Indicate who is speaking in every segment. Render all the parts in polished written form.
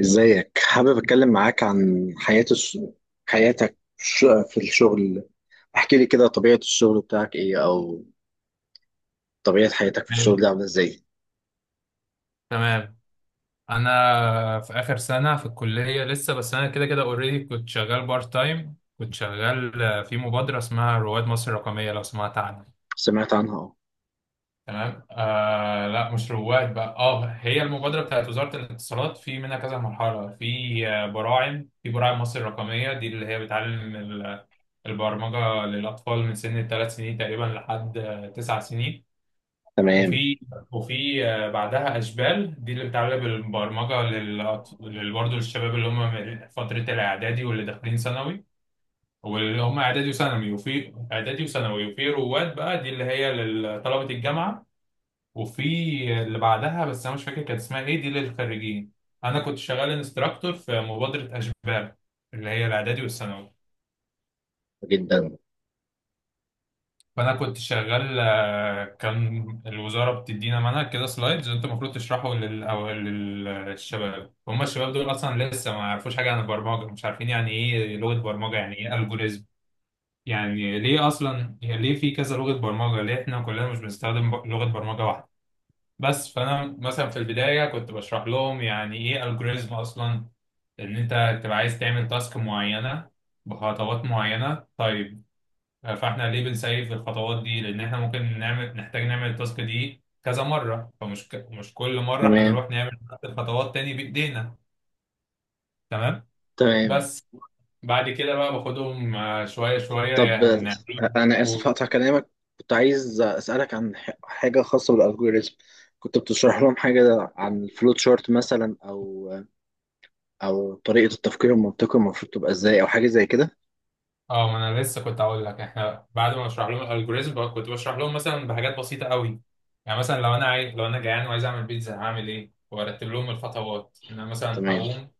Speaker 1: ازيك؟ حابب اتكلم معاك عن حياة الس... حياتك الش- في الشغل. احكي لي كده، طبيعة الشغل بتاعك ايه، او طبيعة حياتك في الشغل
Speaker 2: تمام.
Speaker 1: دي عاملة ازاي؟
Speaker 2: تمام. انا في اخر سنه في الكليه لسه، بس انا كده كده اوريدي كنت شغال بارت تايم. كنت شغال في مبادره اسمها رواد مصر الرقميه، لو سمعت عنها.
Speaker 1: سمعت عنها، اه.
Speaker 2: تمام آه، لا مش رواد بقى، اه هي المبادره بتاعت وزاره الاتصالات، في منها كذا مرحله. في براعم، براعم مصر الرقميه، دي اللي هي بتعلم البرمجه للاطفال من سن الثلاث سنين تقريبا لحد تسع سنين.
Speaker 1: تمام،
Speaker 2: وفي وفي آه، بعدها اشبال، دي اللي بتعمل بالبرمجه برضه للشباب اللي هم من فتره الاعدادي واللي داخلين ثانوي. واللي هم اعدادي وثانوي وفي اعدادي وثانوي. وفي رواد بقى، دي اللي هي لطلبه الجامعه. وفي اللي بعدها، بس انا مش فاكر كانت اسمها ايه، دي للخريجين. انا كنت شغال انستراكتور في مبادره اشبال، اللي هي الاعدادي والثانوي.
Speaker 1: جدا.
Speaker 2: فانا كنت شغال كان الوزاره بتدينا منهج كده سلايدز، وانت المفروض تشرحه لل... أو للشباب. هم الشباب دول اصلا لسه ما يعرفوش حاجه عن البرمجه، مش عارفين يعني ايه لغه برمجه، يعني ايه الجوريزم، يعني ليه اصلا، يعني ليه في كذا لغه برمجه، ليه احنا كلنا مش بنستخدم لغه برمجه واحده. بس فانا مثلا في البدايه كنت بشرح لهم يعني ايه الجوريزم اصلا، ان انت تبقى عايز تعمل تاسك معينه بخطوات معينه. طيب فاحنا ليه بنسيف الخطوات دي؟ لان احنا ممكن نحتاج نعمل التاسك دي كذا مره، مش كل مره
Speaker 1: تمام.
Speaker 2: هنروح نعمل نفس الخطوات تاني بايدينا. تمام.
Speaker 1: تمام.
Speaker 2: بس بعد كده بقى باخدهم شويه شويه،
Speaker 1: طب
Speaker 2: يعني نعمل
Speaker 1: انا اسف،
Speaker 2: و-
Speaker 1: هقطع كلامك. كنت عايز اسالك عن حاجة خاصة بالالجوريزم. كنت بتشرح لهم حاجة عن الفلوت شارت مثلا، او او طريقة التفكير المنطقي المفروض تبقى ازاي، او حاجة زي كده.
Speaker 2: اه، ما انا لسه كنت اقول لك، احنا بعد ما بشرح لهم الالجوريزم كنت بشرح لهم مثلا بحاجات بسيطه قوي. يعني مثلا لو انا جعان وعايز اعمل بيتزا هعمل ايه، وارتب لهم الخطوات، ان انا مثلا
Speaker 1: تمام.
Speaker 2: هقوم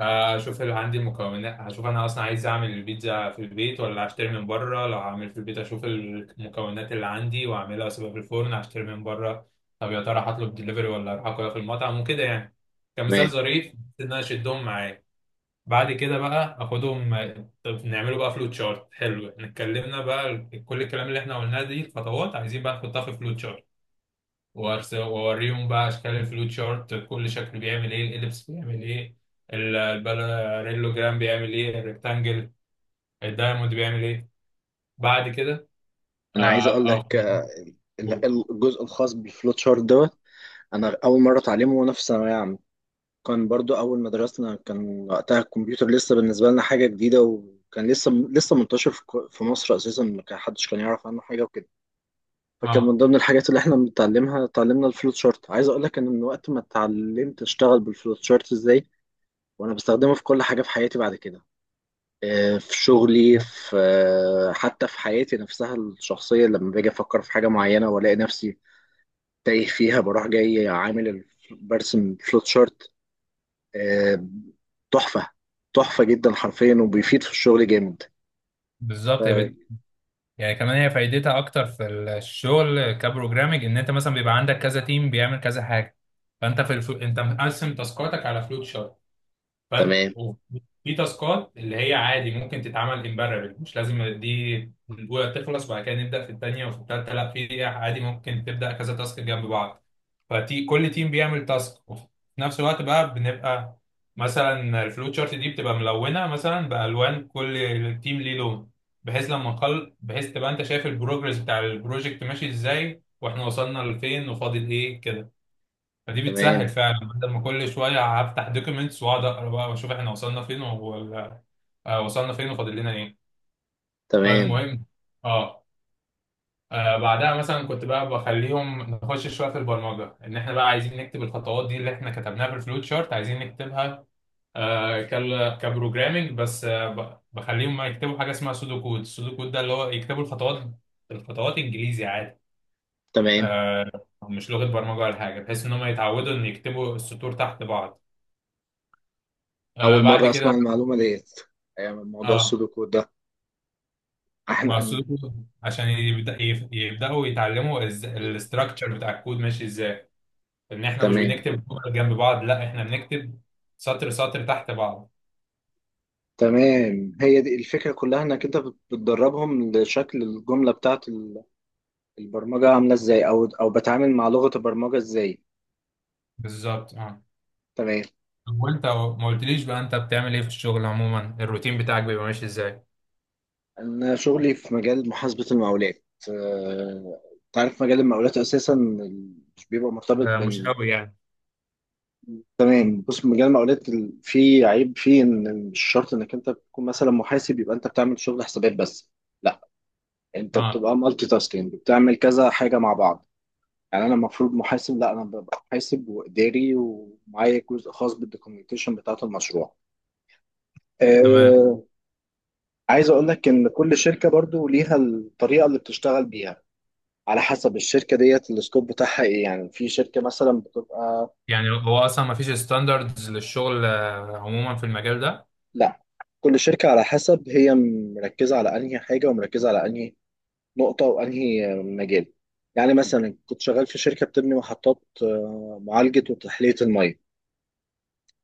Speaker 2: هشوف هل عندي المكونات، هشوف انا اصلا عايز اعمل البيتزا في البيت ولا هشتري من بره، لو هعمل في البيت اشوف المكونات اللي عندي واعملها واسيبها في الفرن، هشتري من بره، طب يا ترى هطلب دليفري ولا اروح اكلها في المطعم وكده يعني، كمثال
Speaker 1: تمام.
Speaker 2: ظريف ان انا اشدهم معايا. بعد كده بقى اخدهم، طب نعمله بقى فلوت شارت. حلو، احنا اتكلمنا بقى كل الكلام اللي احنا قلناه، دي الخطوات عايزين بقى نحطها في فلوت شارت. واوريهم بقى اشكال الفلو تشارت، كل شكل بيعمل ايه، الاليبس بيعمل ايه، الباراليلو جرام بيعمل ايه، الريكتانجل، الدايموند بيعمل ايه. بعد كده
Speaker 1: انا عايز
Speaker 2: اه
Speaker 1: اقول
Speaker 2: اه
Speaker 1: لك، الجزء الخاص بالفلوت شارت دوت، انا اول مره اتعلمه وانا في ثانويه عامه. كان برضو اول ما درسنا، كان وقتها الكمبيوتر لسه بالنسبه لنا حاجه جديده، وكان لسه منتشر في في مصر اساسا، ما كان حدش كان يعرف عنه حاجه وكده. فكان من
Speaker 2: آه.
Speaker 1: ضمن الحاجات اللي احنا بنتعلمها، اتعلمنا الفلوت شارت. عايز اقول لك ان من وقت ما اتعلمت اشتغل بالفلوت شارت ازاي، وانا بستخدمه في كل حاجه في حياتي بعد كده. في شغلي، في آه، حتى في حياتي نفسها الشخصيه، لما باجي افكر في حاجه معينه والاقي نفسي تايه فيها، بروح جاي برسم فلوت شارت. آه، تحفة. تحفة جدا حرفيا، وبيفيد في الشغل جامد.
Speaker 2: بالظبط يا
Speaker 1: ف-
Speaker 2: بت. يعني كمان هي فايدتها اكتر في الشغل كبروجرامنج، ان انت مثلا بيبقى عندك كذا تيم بيعمل كذا حاجه، فانت انت مقسم تاسكاتك على فلوت شارت. فانت
Speaker 1: تمام.
Speaker 2: في تاسكات اللي هي عادي ممكن تتعمل امبارح، مش لازم دي الاولى تخلص وبعد كده نبدا في الثانيه وفي الثالثه، لا في عادي ممكن تبدا كذا تاسك جنب بعض. فتي كل تيم بيعمل تاسك، وفي نفس الوقت بقى بنبقى مثلا الفلو تشارت دي بتبقى ملونه مثلا بالوان، كل تيم ليه لون، بحيث لما نخل بحيث تبقى انت شايف البروجرس بتاع البروجكت ماشي ازاي، واحنا وصلنا لفين وفاضل ايه كده. فدي بتسهل
Speaker 1: تمام.
Speaker 2: فعلا، بدل ما كل شويه هفتح دوكيومنتس واقعد اقرا بقى واشوف احنا وصلنا فين ولا وصلنا فين وفاضل لنا ايه.
Speaker 1: تمام.
Speaker 2: فالمهم اه، بعدها مثلا كنت بقى بخليهم نخش شويه في البرمجه، ان احنا بقى عايزين نكتب الخطوات دي اللي احنا كتبناها في الفلوت شارت عايزين نكتبها كبروجرامينج، بس بخليهم ما يكتبوا حاجه اسمها سودو كود. السودو كود ده اللي هو يكتبوا الخطوات، الخطوات انجليزي عادي.
Speaker 1: تمام.
Speaker 2: آه، مش لغه برمجه ولا حاجه، بحيث ان هم يتعودوا ان يكتبوا السطور تحت بعض. آه
Speaker 1: أول
Speaker 2: بعد
Speaker 1: مرة أسمع
Speaker 2: كده
Speaker 1: المعلومة ديت، موضوع
Speaker 2: اه.
Speaker 1: السودوكو ده. احنا.
Speaker 2: مقصوده، عشان يبداوا يتعلموا الاستراكشر بتاع الكود ماشي ازاي، ان احنا مش
Speaker 1: تمام.
Speaker 2: بنكتب جمل جنب بعض، لا احنا بنكتب سطر سطر تحت بعض.
Speaker 1: تمام، هي دي الفكرة كلها، انك انت بتدربهم لشكل الجملة بتاعت البرمجة عاملة ازاي، او او بتعامل مع لغة البرمجة ازاي.
Speaker 2: بالظبط اه.
Speaker 1: تمام.
Speaker 2: طب وانت ما قلتليش بقى انت بتعمل ايه في الشغل عموما، الروتين بتاعك بيبقى ماشي ازاي؟
Speaker 1: أنا شغلي في مجال محاسبة المقاولات. آه، تعرف مجال المقاولات أساسا مش بيبقى مرتبط
Speaker 2: آه مش
Speaker 1: بين.
Speaker 2: قوي يعني.
Speaker 1: تمام. بص، مجال المقاولات فيه عيب فيه، إن مش شرط إنك أنت تكون مثلا محاسب يبقى أنت بتعمل شغل حسابات بس. لا، أنت
Speaker 2: اه
Speaker 1: بتبقى مالتي تاسكينج، بتعمل كذا حاجة مع بعض. يعني أنا المفروض محاسب؟ لا، أنا ببقى محاسب وإداري، ومعايا جزء خاص بالدوكيومنتيشن بتاعة المشروع.
Speaker 2: تمام.
Speaker 1: آه، عايز أقول لك إن كل شركة برضو ليها الطريقة اللي بتشتغل بيها. على حسب الشركة ديت السكوب بتاعها ايه. يعني في شركة مثلا بتبقى.
Speaker 2: يعني هو اصلا ما فيش ستاندردز للشغل عموما في المجال ده؟
Speaker 1: لا، كل شركة على حسب هي مركزة على انهي حاجة، ومركزة على انهي نقطة، وانهي مجال. يعني مثلا كنت شغال في شركة بتبني محطات، معالجة وتحلية المية.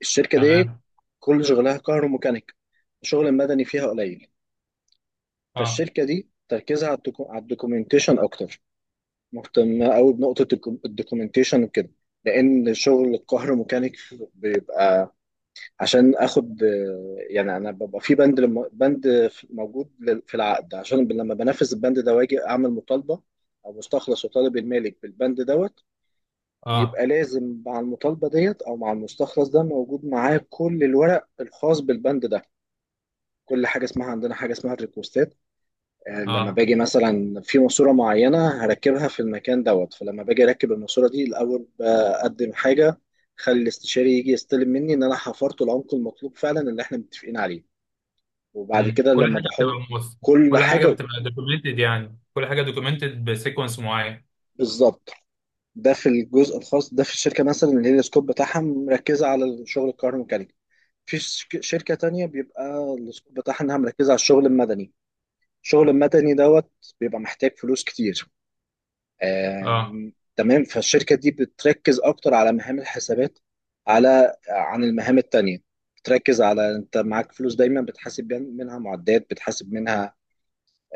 Speaker 1: الشركة دي
Speaker 2: تمام.
Speaker 1: كل شغلها كهروميكانيك، الشغل المدني فيها قليل.
Speaker 2: اه.
Speaker 1: فالشركة دي تركيزها على على الدوكيومنتيشن اكتر. مهتمة قوي بنقطة الدوكيومنتيشن وكده. لان شغل الكهروميكانيك بيبقى، عشان اخد، يعني انا ببقى في بند لم- بند في- موجود لل- في العقد، عشان لما بنفذ البند ده، واجي اعمل مطالبه او مستخلص، وطالب المالك بالبند دوت،
Speaker 2: اه.
Speaker 1: بيبقى لازم مع المطالبه ديت، او مع المستخلص ده، موجود معاه كل الورق الخاص بالبند ده. كل حاجه اسمها عندنا حاجه اسمها الريكوستات. لما
Speaker 2: اه.
Speaker 1: باجي مثلا في ماسوره معينه هركبها في المكان دوت، فلما باجي اركب الماسوره دي، الاول بقدم حاجه، خلي الاستشاري يجي يستلم مني ان انا حفرت العمق المطلوب فعلا اللي احنا متفقين عليه. وبعد
Speaker 2: مم،
Speaker 1: كده
Speaker 2: كل
Speaker 1: لما
Speaker 2: حاجه
Speaker 1: بحط.
Speaker 2: بتبقى موثق،
Speaker 1: كل
Speaker 2: كل حاجه
Speaker 1: حاجه،
Speaker 2: بتبقى دوكيومنتد، يعني كل حاجه دوكيومنتد بسيكونس معين.
Speaker 1: بالظبط. ده في الجزء الخاص ده في الشركه مثلا، اللي هي السكوب بتاعها مركزه على الشغل الكهروميكانيكي. في شركه تانية بيبقى السكوب بتاعها انها مركزه على الشغل المدني. الشغل المدني دوت بيبقى محتاج فلوس كتير.
Speaker 2: اه.
Speaker 1: تمام. فالشركة دي بتركز أكتر على مهام الحسابات، على عن المهام التانية. بتركز على أنت معاك فلوس دايما، بتحاسب منها معدات، بتحاسب منها،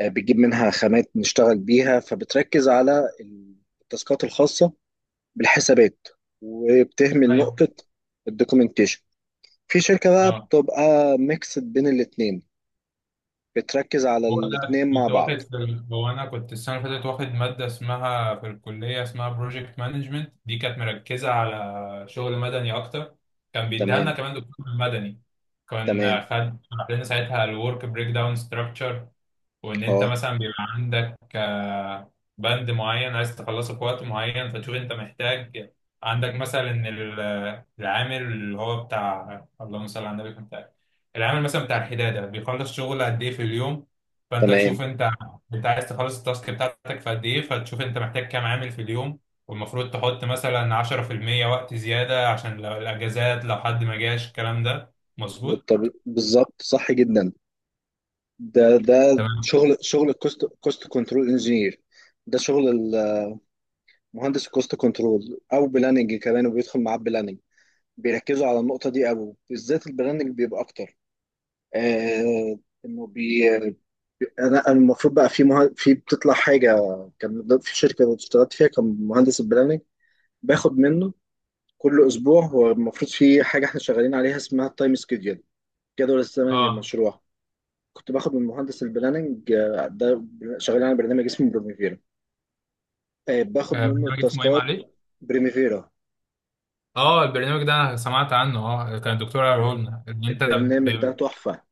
Speaker 1: بتجيب منها خامات نشتغل بيها. فبتركز على التاسكات الخاصة بالحسابات، وبتهمل
Speaker 2: ايوه.
Speaker 1: نقطة الدوكيومنتيشن. في شركة بقى
Speaker 2: اه،
Speaker 1: بتبقى ميكس بين الاتنين، بتركز على
Speaker 2: هو انا
Speaker 1: الاتنين مع
Speaker 2: كنت واخد
Speaker 1: بعض.
Speaker 2: في ال- هو انا كنت السنه اللي فاتت واخد ماده اسمها في الكليه اسمها بروجكت مانجمنت، دي كانت مركزه على شغل مدني اكتر، كان بيديها لنا
Speaker 1: تمام.
Speaker 2: كمان دكتور مدني. كان
Speaker 1: تمام.
Speaker 2: خد شرح لنا ساعتها الورك بريك داون ستراكشر، وان انت
Speaker 1: اه.
Speaker 2: مثلا بيبقى عندك بند معين عايز تخلصه في وقت معين، فتشوف انت محتاج عندك مثلا ان العامل اللي هو بتاع اللهم صل على النبي، العامل مثلا بتاع الحداده بيخلص شغل قد ايه في اليوم. فانت
Speaker 1: تمام.
Speaker 2: تشوف انت انت عايز تخلص التاسك بتاعتك في قد ايه، فتشوف انت محتاج كام عامل في اليوم، والمفروض تحط مثلا 10% وقت زياده، عشان لو الاجازات لو حد ما جاش الكلام ده مظبوط.
Speaker 1: بالظبط، صح جدا. ده
Speaker 2: تمام.
Speaker 1: شغل الكوست كنترول انجينير. ده شغل المهندس الكوست كنترول، او بلاننج كمان، وبيدخل معاه بلاننج. بيركزوا على النقطه دي قوي، بالذات البلاننج بيبقى اكتر. آه انه بي انا أنا المفروض بقى في بتطلع حاجه. كان في شركه اشتغلت فيها، كان مهندس البلاننج باخد منه كل اسبوع، هو المفروض في حاجه احنا شغالين عليها اسمها التايم سكيدول، جدول الزمني
Speaker 2: اه.
Speaker 1: للمشروع. كنت باخد من مهندس البلاننج ده. شغالين على برنامج اسمه بروميفير. باخد
Speaker 2: آه،
Speaker 1: منه
Speaker 2: برنامج اسمه ايه
Speaker 1: التاسكات.
Speaker 2: معلش؟
Speaker 1: بريميفيرا.
Speaker 2: اه البرنامج ده انا سمعت عنه، اه كان الدكتور قاله لنا ان
Speaker 1: البرنامج
Speaker 2: ب...
Speaker 1: ده تحفة.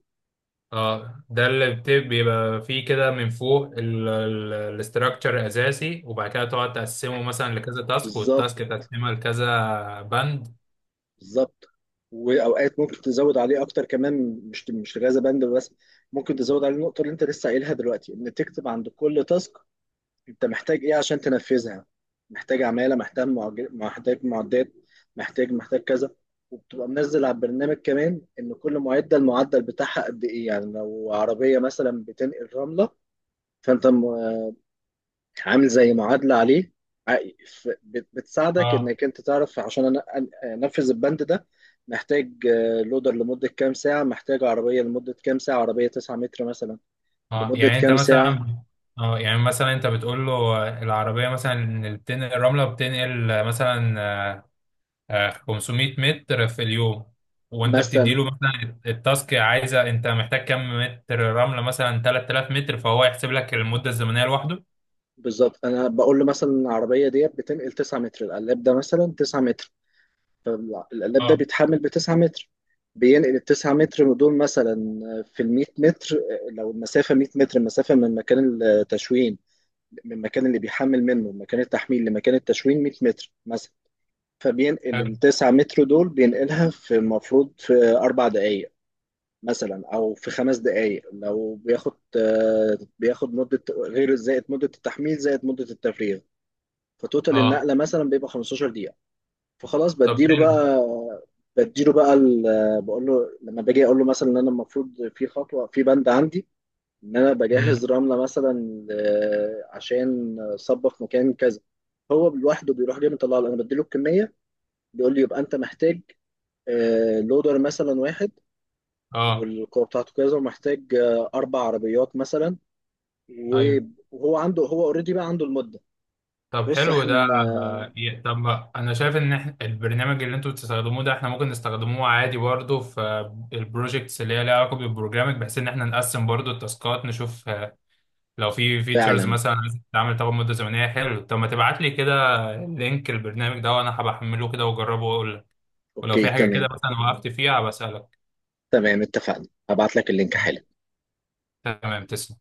Speaker 2: اه ده بيبقى فيه كده من فوق الاستراكشر اساسي، وبعد كده تقعد تقسمه مثلا لكذا تاسك،
Speaker 1: بالظبط.
Speaker 2: والتاسك تقسمها لكذا بند.
Speaker 1: بالظبط. وأوقات ممكن تزود عليه أكتر كمان، مش غازة بند بس، ممكن تزود عليه النقطة اللي أنت لسه قايلها دلوقتي، إن تكتب عند كل تاسك أنت محتاج إيه عشان تنفذها. محتاج عمالة، محتاج محتاج معدات، محتاج كذا. وبتبقى منزل على البرنامج كمان إن كل معدة المعدل بتاعها قد إيه. يعني لو عربية مثلا بتنقل رملة، فأنت عامل زي معادلة عليه. ع- بتساعدك
Speaker 2: اه.
Speaker 1: انك انت تعرف، عشان انفذ البند ده، محتاج لودر لمدة كام ساعة، محتاج عربية لمدة كام ساعة، عربية 9 متر مثلا
Speaker 2: اه
Speaker 1: لمدة
Speaker 2: يعني انت
Speaker 1: كام ساعة.
Speaker 2: مثلا اه يعني مثلا انت بتقول له العربيه مثلا بتنقل الرمله، بتنقل مثلا 500 متر في اليوم، وانت
Speaker 1: مثلا
Speaker 2: بتديله مثلا التاسك عايزه انت محتاج كم متر رمله، مثلا 3000 متر، فهو يحسب لك المده الزمنيه لوحده.
Speaker 1: بالظبط، انا بقول له مثلا العربية دي بتنقل 9 متر، القلاب ده مثلا 9 متر، فالقلاب ده
Speaker 2: اه.
Speaker 1: بيتحمل ب 9 متر، بينقل ال 9 متر دول مثلا في ال 100 متر. لو المسافة 100 متر، المسافة من مكان التشوين، من المكان اللي بيحمل منه، مكان التحميل لمكان التشوين 100 متر مثلا، فبينقل
Speaker 2: حلو.
Speaker 1: التسعة متر دول، بينقلها في المفروض في 4 دقايق مثلا، أو في 5 دقايق، لو بياخد بياخد مدة، غير زائد مدة التحميل زائد مدة التفريغ. فتوتال
Speaker 2: اه.
Speaker 1: النقلة مثلا بيبقى 15 دقيقة. فخلاص،
Speaker 2: طب
Speaker 1: بديله
Speaker 2: حلو.
Speaker 1: بقى. بقول له، لما باجي اقول له مثلا ان انا المفروض في خطوه، في بند عندي ان انا
Speaker 2: امم.
Speaker 1: بجهز رمله مثلا، عشان صبه في مكان كذا، هو لوحده بيروح جاي مطلع لي، انا بديله الكميه، بيقول لي يبقى انت محتاج لودر مثلا واحد،
Speaker 2: اه.
Speaker 1: والقوه بتاعته كذا، ومحتاج 4 عربيات مثلا، و-
Speaker 2: ايوه.
Speaker 1: وهو عنده، هو اوريدي بقى عنده المده.
Speaker 2: طب
Speaker 1: بص
Speaker 2: حلو ده.
Speaker 1: احنا،
Speaker 2: طب ما انا شايف ان البرنامج اللي انتوا بتستخدموه ده احنا ممكن نستخدموه عادي برضه في البروجكتس اللي هي ليها علاقه بالبروجرامنج، بحيث ان احنا نقسم برضه التاسكات، نشوف لو في فيتشرز
Speaker 1: فعلا.
Speaker 2: مثلا عايز تتعمل طب مدة زمنية. حلو، طب ما تبعت لي كده لينك البرنامج ده، وانا هبحمله كده واجربه واقول لك، ولو
Speaker 1: اوكي،
Speaker 2: في حاجة كده
Speaker 1: تمام.
Speaker 2: مثلا وقفت فيها بسألك.
Speaker 1: تمام، اتفقنا، هبعت لك اللينك حالا.
Speaker 2: تمام. تسلم.